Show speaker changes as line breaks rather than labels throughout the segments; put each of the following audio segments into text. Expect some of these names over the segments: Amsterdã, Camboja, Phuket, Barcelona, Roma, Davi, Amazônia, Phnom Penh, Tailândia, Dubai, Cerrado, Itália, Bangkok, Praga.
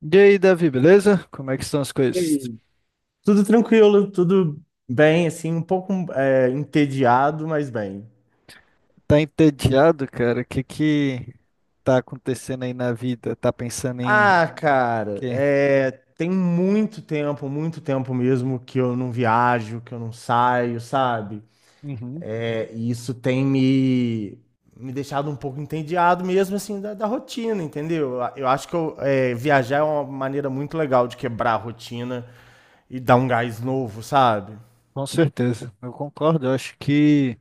E aí, Davi, beleza? Como é que estão as coisas?
Ei, tudo tranquilo, tudo bem, assim, um pouco entediado, mas bem.
Tá entediado, cara? O que que tá acontecendo aí na vida? Tá pensando em
Ah, cara,
quê?
tem muito tempo mesmo que eu não viajo, que eu não saio, sabe?
Uhum,
É, e isso tem me deixado um pouco entediado mesmo, assim, da rotina, entendeu? Eu acho que eu viajar é uma maneira muito legal de quebrar a rotina e dar um gás novo, sabe?
com certeza, eu concordo. Eu acho que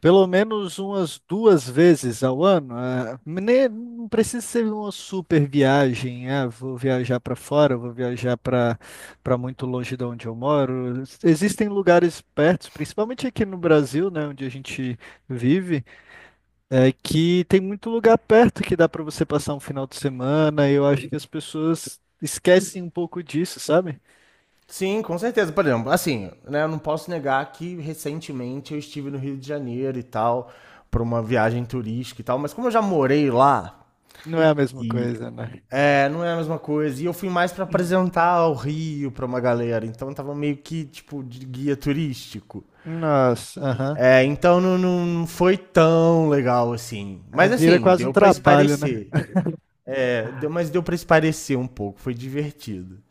pelo menos umas duas vezes ao ano, ah, não precisa ser uma super viagem. Ah, vou viajar para fora, vou viajar para muito longe de onde eu moro. Existem lugares perto, principalmente aqui no Brasil, né, onde a gente vive. É que tem muito lugar perto que dá pra você passar um final de semana, e eu acho que as pessoas esquecem um pouco disso, sabe?
Sim, com certeza. Por exemplo, assim, né, eu não posso negar que recentemente eu estive no Rio de Janeiro e tal, para uma viagem turística e tal, mas como eu já morei lá
Não é a mesma
e
coisa, né?
é, não é a mesma coisa. E eu fui mais para
Uhum.
apresentar o Rio para uma galera, então eu tava meio que tipo de guia turístico.
Nossa, aham.
É, então não foi tão legal assim.
É,
Mas
vira
assim,
quase um
deu para
trabalho, né?
espairecer. É, deu, mas deu para espairecer um pouco, foi divertido.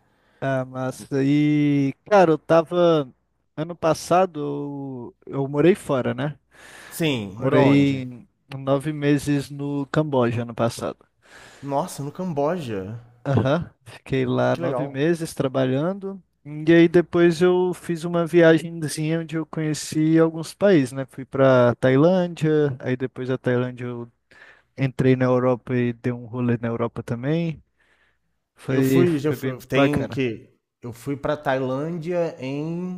Ah, massa. E, cara, eu tava. Ano passado eu morei fora, né? Eu
Sim, morou onde?
morei 9 meses no Camboja ano passado.
Nossa, no Camboja.
Aham, fiquei lá
Que
nove
legal.
meses trabalhando. E aí depois eu fiz uma viagemzinha onde eu conheci alguns países, né? Fui para Tailândia, aí depois da Tailândia eu entrei na Europa e dei um rolê na Europa também.
Eu
Foi,
fui, já
foi bem
fui, tem
bacana.
que eu fui pra Tailândia em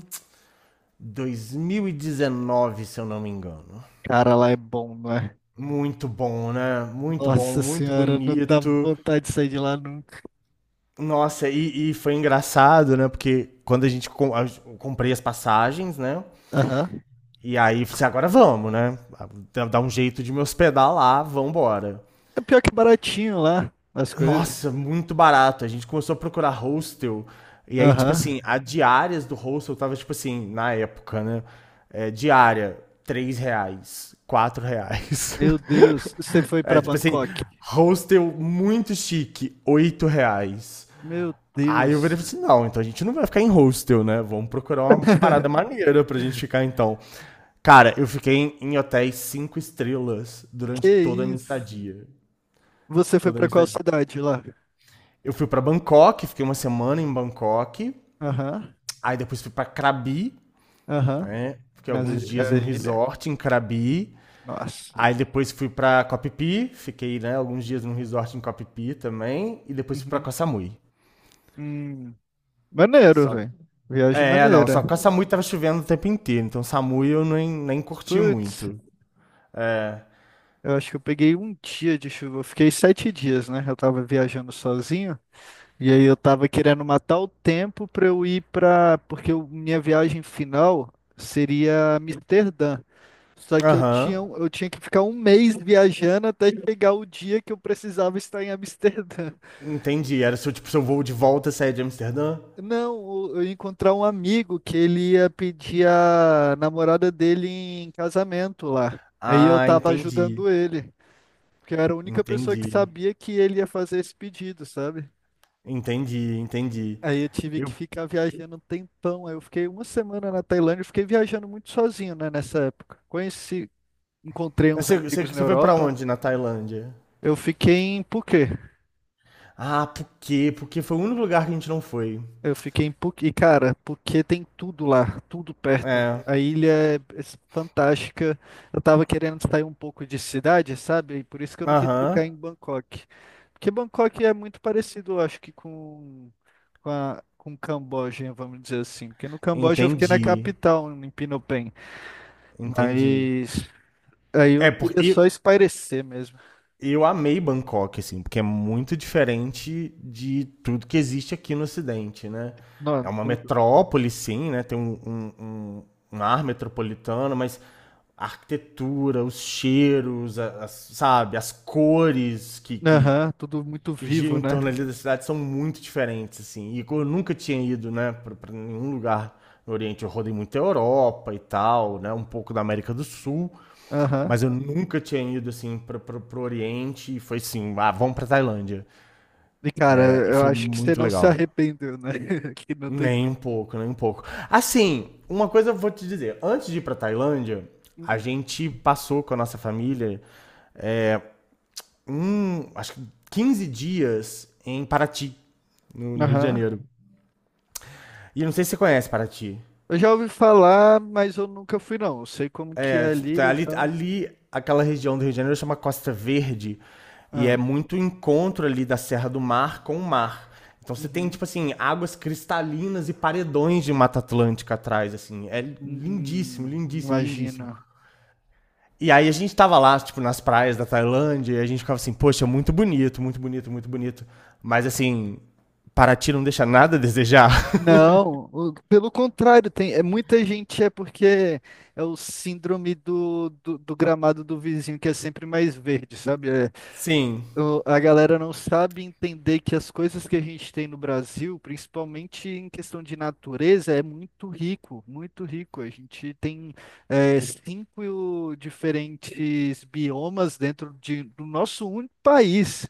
2019, se eu não me engano.
Cara, lá é bom, não é?
Muito bom, né? Muito bom,
Nossa
muito
senhora, não dá
bonito.
vontade de sair de lá nunca.
Nossa, e foi engraçado, né? Porque quando a gente com- a- eu comprei as passagens, né?
Aham.
E aí eu falei, assim, agora vamos, né? Dá um jeito de me hospedar lá, vambora.
É pior que baratinho lá, as coisas.
Nossa, muito barato. A gente começou a procurar hostel. E aí, tipo
Aham.
assim, a diárias do hostel tava, tipo assim, na época, né? É, diária, 3 reais, 4 reais.
Meu Deus, você foi
É,
para
tipo assim,
Bangkok.
hostel muito chique, 8 reais.
Meu
Aí eu virei e falei
Deus.
assim, não, então a gente não vai ficar em hostel, né? Vamos procurar uma parada maneira pra gente ficar, então. Cara, eu fiquei em hotéis 5 estrelas
Que
durante toda a minha
isso?
estadia.
Você foi
Toda a
pra
minha
qual
estadia.
cidade lá?
Eu fui pra Bangkok, fiquei uma semana em Bangkok.
Aham,
Aí depois fui pra Krabi,
aham.
né? Fiquei
Mas
alguns dias
a
num
ilha?
resort em Krabi.
Nossa.
Aí depois fui pra Koh Phi, Phi fiquei, né, alguns dias num resort em Koh Phi Phi também. E depois fui pra Koh
Uhum.
Samui.
Hum, maneiro,
Só que...
velho. Viagem
é, não,
maneira.
só que Koh Samui tava chovendo o tempo inteiro. Então Samui eu nem curti
Putz,
muito.
eu acho que eu peguei um dia de chuva. Eu fiquei 7 dias, né? Eu tava viajando sozinho. E aí eu tava querendo matar o tempo pra eu ir pra. Porque minha viagem final seria Amsterdã. Só que
Aham,
eu tinha que ficar um mês viajando até chegar o dia que eu precisava estar em Amsterdã.
entendi. Era seu, tipo, seu voo de volta sair de Amsterdã?
Não, eu ia encontrar um amigo que ele ia pedir a namorada dele em casamento lá. Aí eu
Ah,
tava
entendi.
ajudando ele, porque eu era a única pessoa que
Entendi.
sabia que ele ia fazer esse pedido, sabe?
Entendi.
Aí eu tive que
Eu
ficar viajando um tempão. Aí eu fiquei uma semana na Tailândia, eu fiquei viajando muito sozinho, né, nessa época. Encontrei
Mas
uns amigos na
Você foi pra
Europa.
onde na Tailândia?
Eu fiquei em Phuket.
Ah, por quê? Porque foi o único lugar que a gente não foi.
Eu fiquei em Phuket, e cara, Phuket tem tudo lá, tudo perto.
É.
A ilha é fantástica. Eu tava querendo sair um pouco de cidade, sabe? E por isso que eu não quis ficar
Aham.
em Bangkok. Porque Bangkok é muito parecido, eu acho que com Camboja, vamos dizer assim. Porque no Camboja eu fiquei na
Entendi.
capital, em Phnom Penh.
Entendi.
Mas aí
É,
eu queria
porque
só espairecer mesmo.
eu amei Bangkok, assim, porque é muito diferente de tudo que existe aqui no Ocidente, né? É
Não,
uma
tudo.
metrópole, sim, né? Tem um- um ar metropolitano, mas a arquitetura, os cheiros, sabe, as cores
Aham, tudo muito
que gira
vivo,
em
né?
torno ali da cidade são muito diferentes, assim. E eu nunca tinha ido, né, pra nenhum lugar no Oriente. Eu rodei muito a Europa e tal, né, um pouco da América do Sul,
Aham.
mas eu nunca tinha ido, assim, pro Oriente. E foi assim, ah, vamos pra Tailândia.
E, cara,
É, e
eu
foi
acho que você
muito
não se
legal.
arrependeu, né? Que não tem.
Nem um pouco, nem um pouco. Assim, uma coisa eu vou te dizer. Antes de ir pra Tailândia, a
Hum.
gente passou com a nossa família, um, acho que 15 dias em Paraty, no Rio de
Aham.
Janeiro. E não sei se você conhece Paraty.
Eu já ouvi falar, mas eu nunca fui, não. Eu sei como que é
É,
ali
tipo,
e tal.
aquela região do Rio de Janeiro chama Costa Verde. E é
Ah.
muito encontro ali da Serra do Mar com o mar. Então você tem,
Uhum.
tipo assim, águas cristalinas e paredões de Mata Atlântica atrás, assim. É lindíssimo, lindíssimo, lindíssimo.
Imagina.
E aí a gente tava lá, tipo, nas praias da Tailândia, e a gente ficava assim, poxa, muito bonito, muito bonito, muito bonito. Mas assim, Paraty não deixa nada a desejar.
Não, pelo contrário, tem, muita gente é porque é o síndrome do gramado do vizinho que é sempre mais verde, sabe? É,
Sim,
a galera não sabe entender que as coisas que a gente tem no Brasil, principalmente em questão de natureza, é muito rico, muito rico. A gente tem cinco diferentes biomas dentro do nosso único país.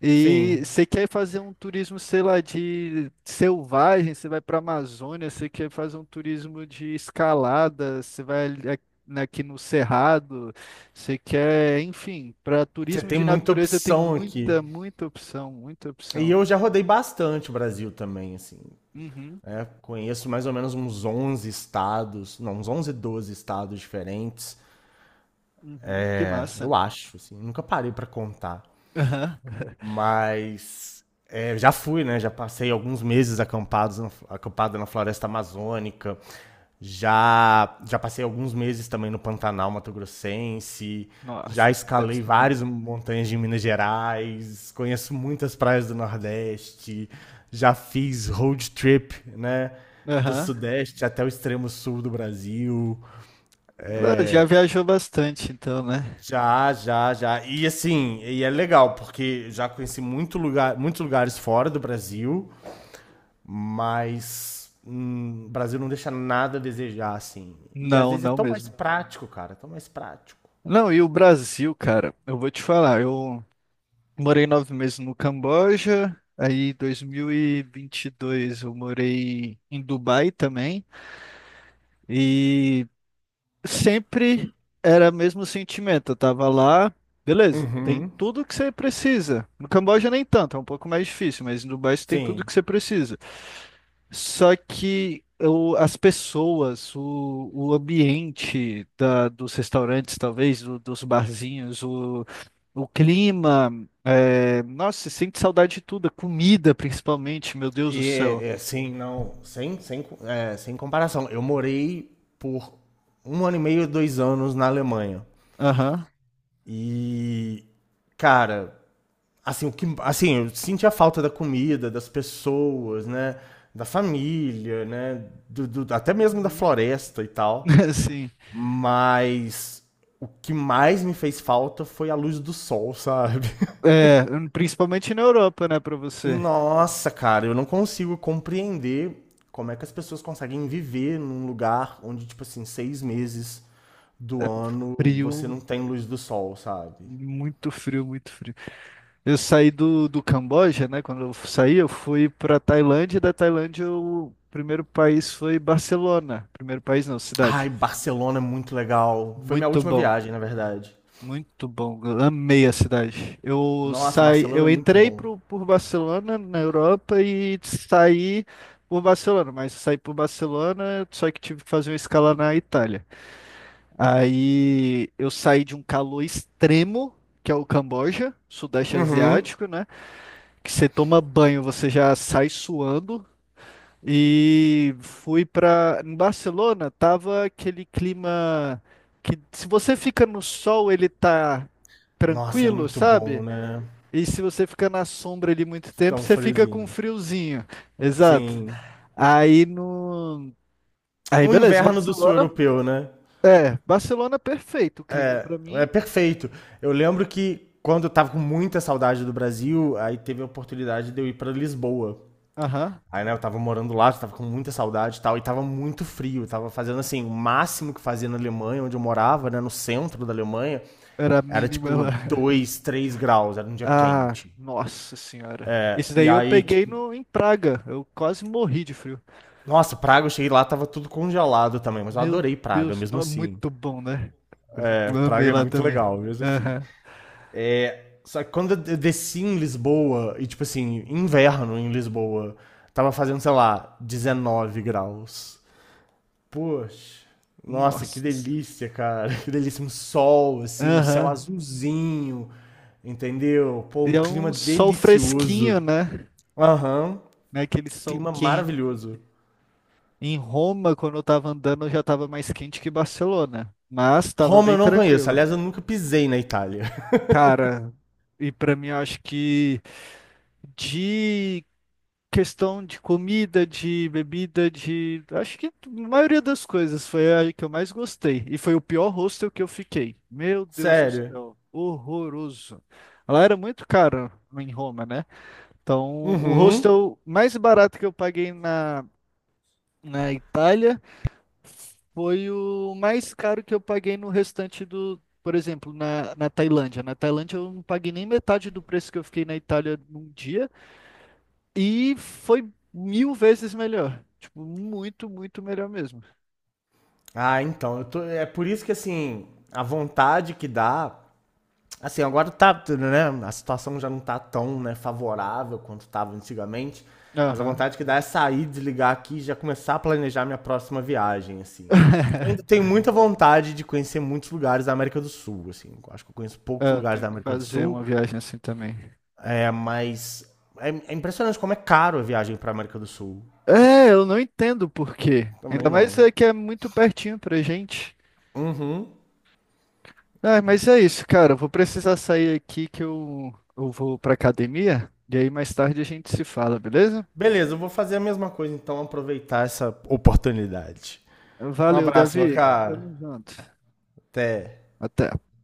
E
sim.
você quer fazer um turismo, sei lá, de selvagem, você vai para a Amazônia, você quer fazer um turismo de escalada, você vai aqui no Cerrado, você quer, enfim, para
Você
turismo
tem
de
muita
natureza tem
opção aqui.
muita, muita opção, muita
E
opção.
eu já rodei bastante o Brasil também, assim.
Uhum,
Né? Conheço mais ou menos uns 11 estados, não, uns 11, 12 estados diferentes.
uhum, que
É,
massa.
eu acho, assim. Nunca parei pra contar.
Aham.
Mas é, já fui, né? Já passei alguns meses acampado na floresta amazônica. Já passei alguns meses também no Pantanal Mato Grossense. Já
Nossa, deve
escalei
ser
várias
maneiro.
montanhas de Minas Gerais. Conheço muitas praias do Nordeste. Já fiz road trip, né? Do
Aham.
Sudeste até o extremo sul do Brasil.
Ah, já viajou bastante, então, né?
Já. E assim, e é legal, porque já conheci muito lugar, muitos lugares fora do Brasil. Mas o Brasil não deixa nada a desejar, assim. E às
Não,
vezes é
não
tão mais
mesmo.
prático, cara, tão mais prático.
Não, e o Brasil, cara, eu vou te falar, eu morei 9 meses no Camboja, aí em 2022 eu morei em Dubai também, e sempre era o mesmo sentimento. Eu tava lá, beleza, tem
Uhum.
tudo que você precisa. No Camboja nem tanto, é um pouco mais difícil, mas em Dubai você tem tudo que
Sim.
você precisa. Só que as pessoas, o ambiente dos restaurantes, talvez, dos barzinhos, o clima, nossa, você sente saudade de tudo, a comida principalmente, meu Deus do
E
céu.
sem comparação. Eu morei por um ano e meio, 2 anos na Alemanha.
Aham,
E, cara, assim, assim, eu senti a falta da comida, das pessoas, né? Da família, né? Até mesmo da
uhum.
floresta e tal.
Sim.
Mas o que mais me fez falta foi a luz do sol, sabe?
É, principalmente na Europa, né, pra você.
Nossa, cara, eu não consigo compreender como é que as pessoas conseguem viver num lugar onde, tipo assim, 6 meses do ano você
Frio,
não tem luz do sol, sabe?
muito frio, muito frio. Eu saí do Camboja, né? Quando eu saí, eu fui para Tailândia, e da Tailândia, o primeiro país foi Barcelona. Primeiro país, não,
Ai,
cidade.
Barcelona é muito legal. Foi minha
Muito
última
bom,
viagem, na verdade.
muito bom. Eu amei a cidade. Eu
Nossa,
saí,
Barcelona
eu
é muito
entrei
bom.
por Barcelona na Europa e saí por Barcelona, mas saí por Barcelona, só que tive que fazer uma escala na Itália. Aí eu saí de um calor extremo, que é o Camboja, Sudeste
Uhum.
Asiático, né? que você toma banho, você já sai suando. E fui pra. Em Barcelona, tava aquele clima que se você fica no sol, ele tá
Nossa, é
tranquilo,
muito bom,
sabe?
né?
E se você fica na sombra ali muito tempo,
Tão
você fica com um
friozinho.
friozinho. Exato.
Sim.
Aí no. Aí
O
beleza,
inverno do sul
Barcelona.
europeu, né?
É, Barcelona é perfeito o clima
É,
pra
é
mim.
perfeito. Eu lembro que quando eu tava com muita saudade do Brasil, aí teve a oportunidade de eu ir pra Lisboa.
Aham.
Aí, né, eu tava morando lá, tava com muita saudade e tal, e tava muito frio. Eu tava fazendo, assim, o máximo que fazia na Alemanha, onde eu morava, né, no centro da Alemanha,
Era a
era
mínima
tipo
lá.
2, 3 graus, era um dia
Ah,
quente.
nossa senhora. Esse daí
E
eu
aí,
peguei
tipo,
no, em Praga. Eu quase morri de frio.
nossa, Praga, eu cheguei lá, tava tudo congelado também, mas eu
Meu
adorei Praga,
Deus,
mesmo
não, é
assim.
muito bom, né?
É,
Eu amei
Praga é
lá
muito
também.
legal, mesmo assim.
Aham.
Só que quando eu desci em Lisboa, e tipo assim, inverno em Lisboa, tava fazendo, sei lá, 19 graus. Poxa, nossa, que
Nossa.
delícia, cara. Que delícia, um sol, assim, um céu
Aham.
azulzinho, entendeu? Pô, um
E é
clima
um sol
delicioso.
fresquinho, né?
Aham,
Não é aquele sol
clima
quente.
maravilhoso.
Em Roma, quando eu tava andando, já tava mais quente que Barcelona. Mas tava
Roma
bem
eu não conheço,
tranquilo.
aliás, eu nunca pisei na Itália.
Cara, e pra mim eu acho que de questão de comida, de bebida, de. Acho que a maioria das coisas foi a que eu mais gostei. E foi o pior hostel que eu fiquei. Meu Deus do
Sério.
céu, horroroso. Lá era muito caro em Roma, né? Então, o
Uhum.
hostel mais barato que eu paguei na Itália foi o mais caro que eu paguei no restante do. Por exemplo, na Tailândia. Na Tailândia eu não paguei nem metade do preço que eu fiquei na Itália num dia. E foi mil vezes melhor. Tipo, muito, muito melhor mesmo.
Ah, então, eu tô... é por isso que, assim, a vontade que dá assim, agora tá, né? A situação já não tá tão né, favorável quanto tava antigamente. Mas a
Aham.
vontade que dá é sair, desligar aqui e já começar a planejar minha próxima viagem, assim. Eu ainda tenho muita vontade de conhecer muitos lugares da América do Sul, assim. Eu acho que eu conheço
É,
poucos
eu
lugares da
tenho que
América do
fazer uma
Sul,
viagem assim também.
é, mas é, é impressionante como é caro a viagem para América do Sul.
É, eu não entendo por quê. Ainda
Também
mais
não.
é que é muito pertinho pra gente.
Uhum.
Ah, mas é isso, cara. Eu vou precisar sair aqui que eu vou pra academia. E aí mais tarde a gente se fala, beleza?
Beleza, eu vou fazer a mesma coisa, então, aproveitar essa oportunidade. Um
Valeu,
abraço, meu
Davi.
cara.
Tamo junto.
Até.
Até.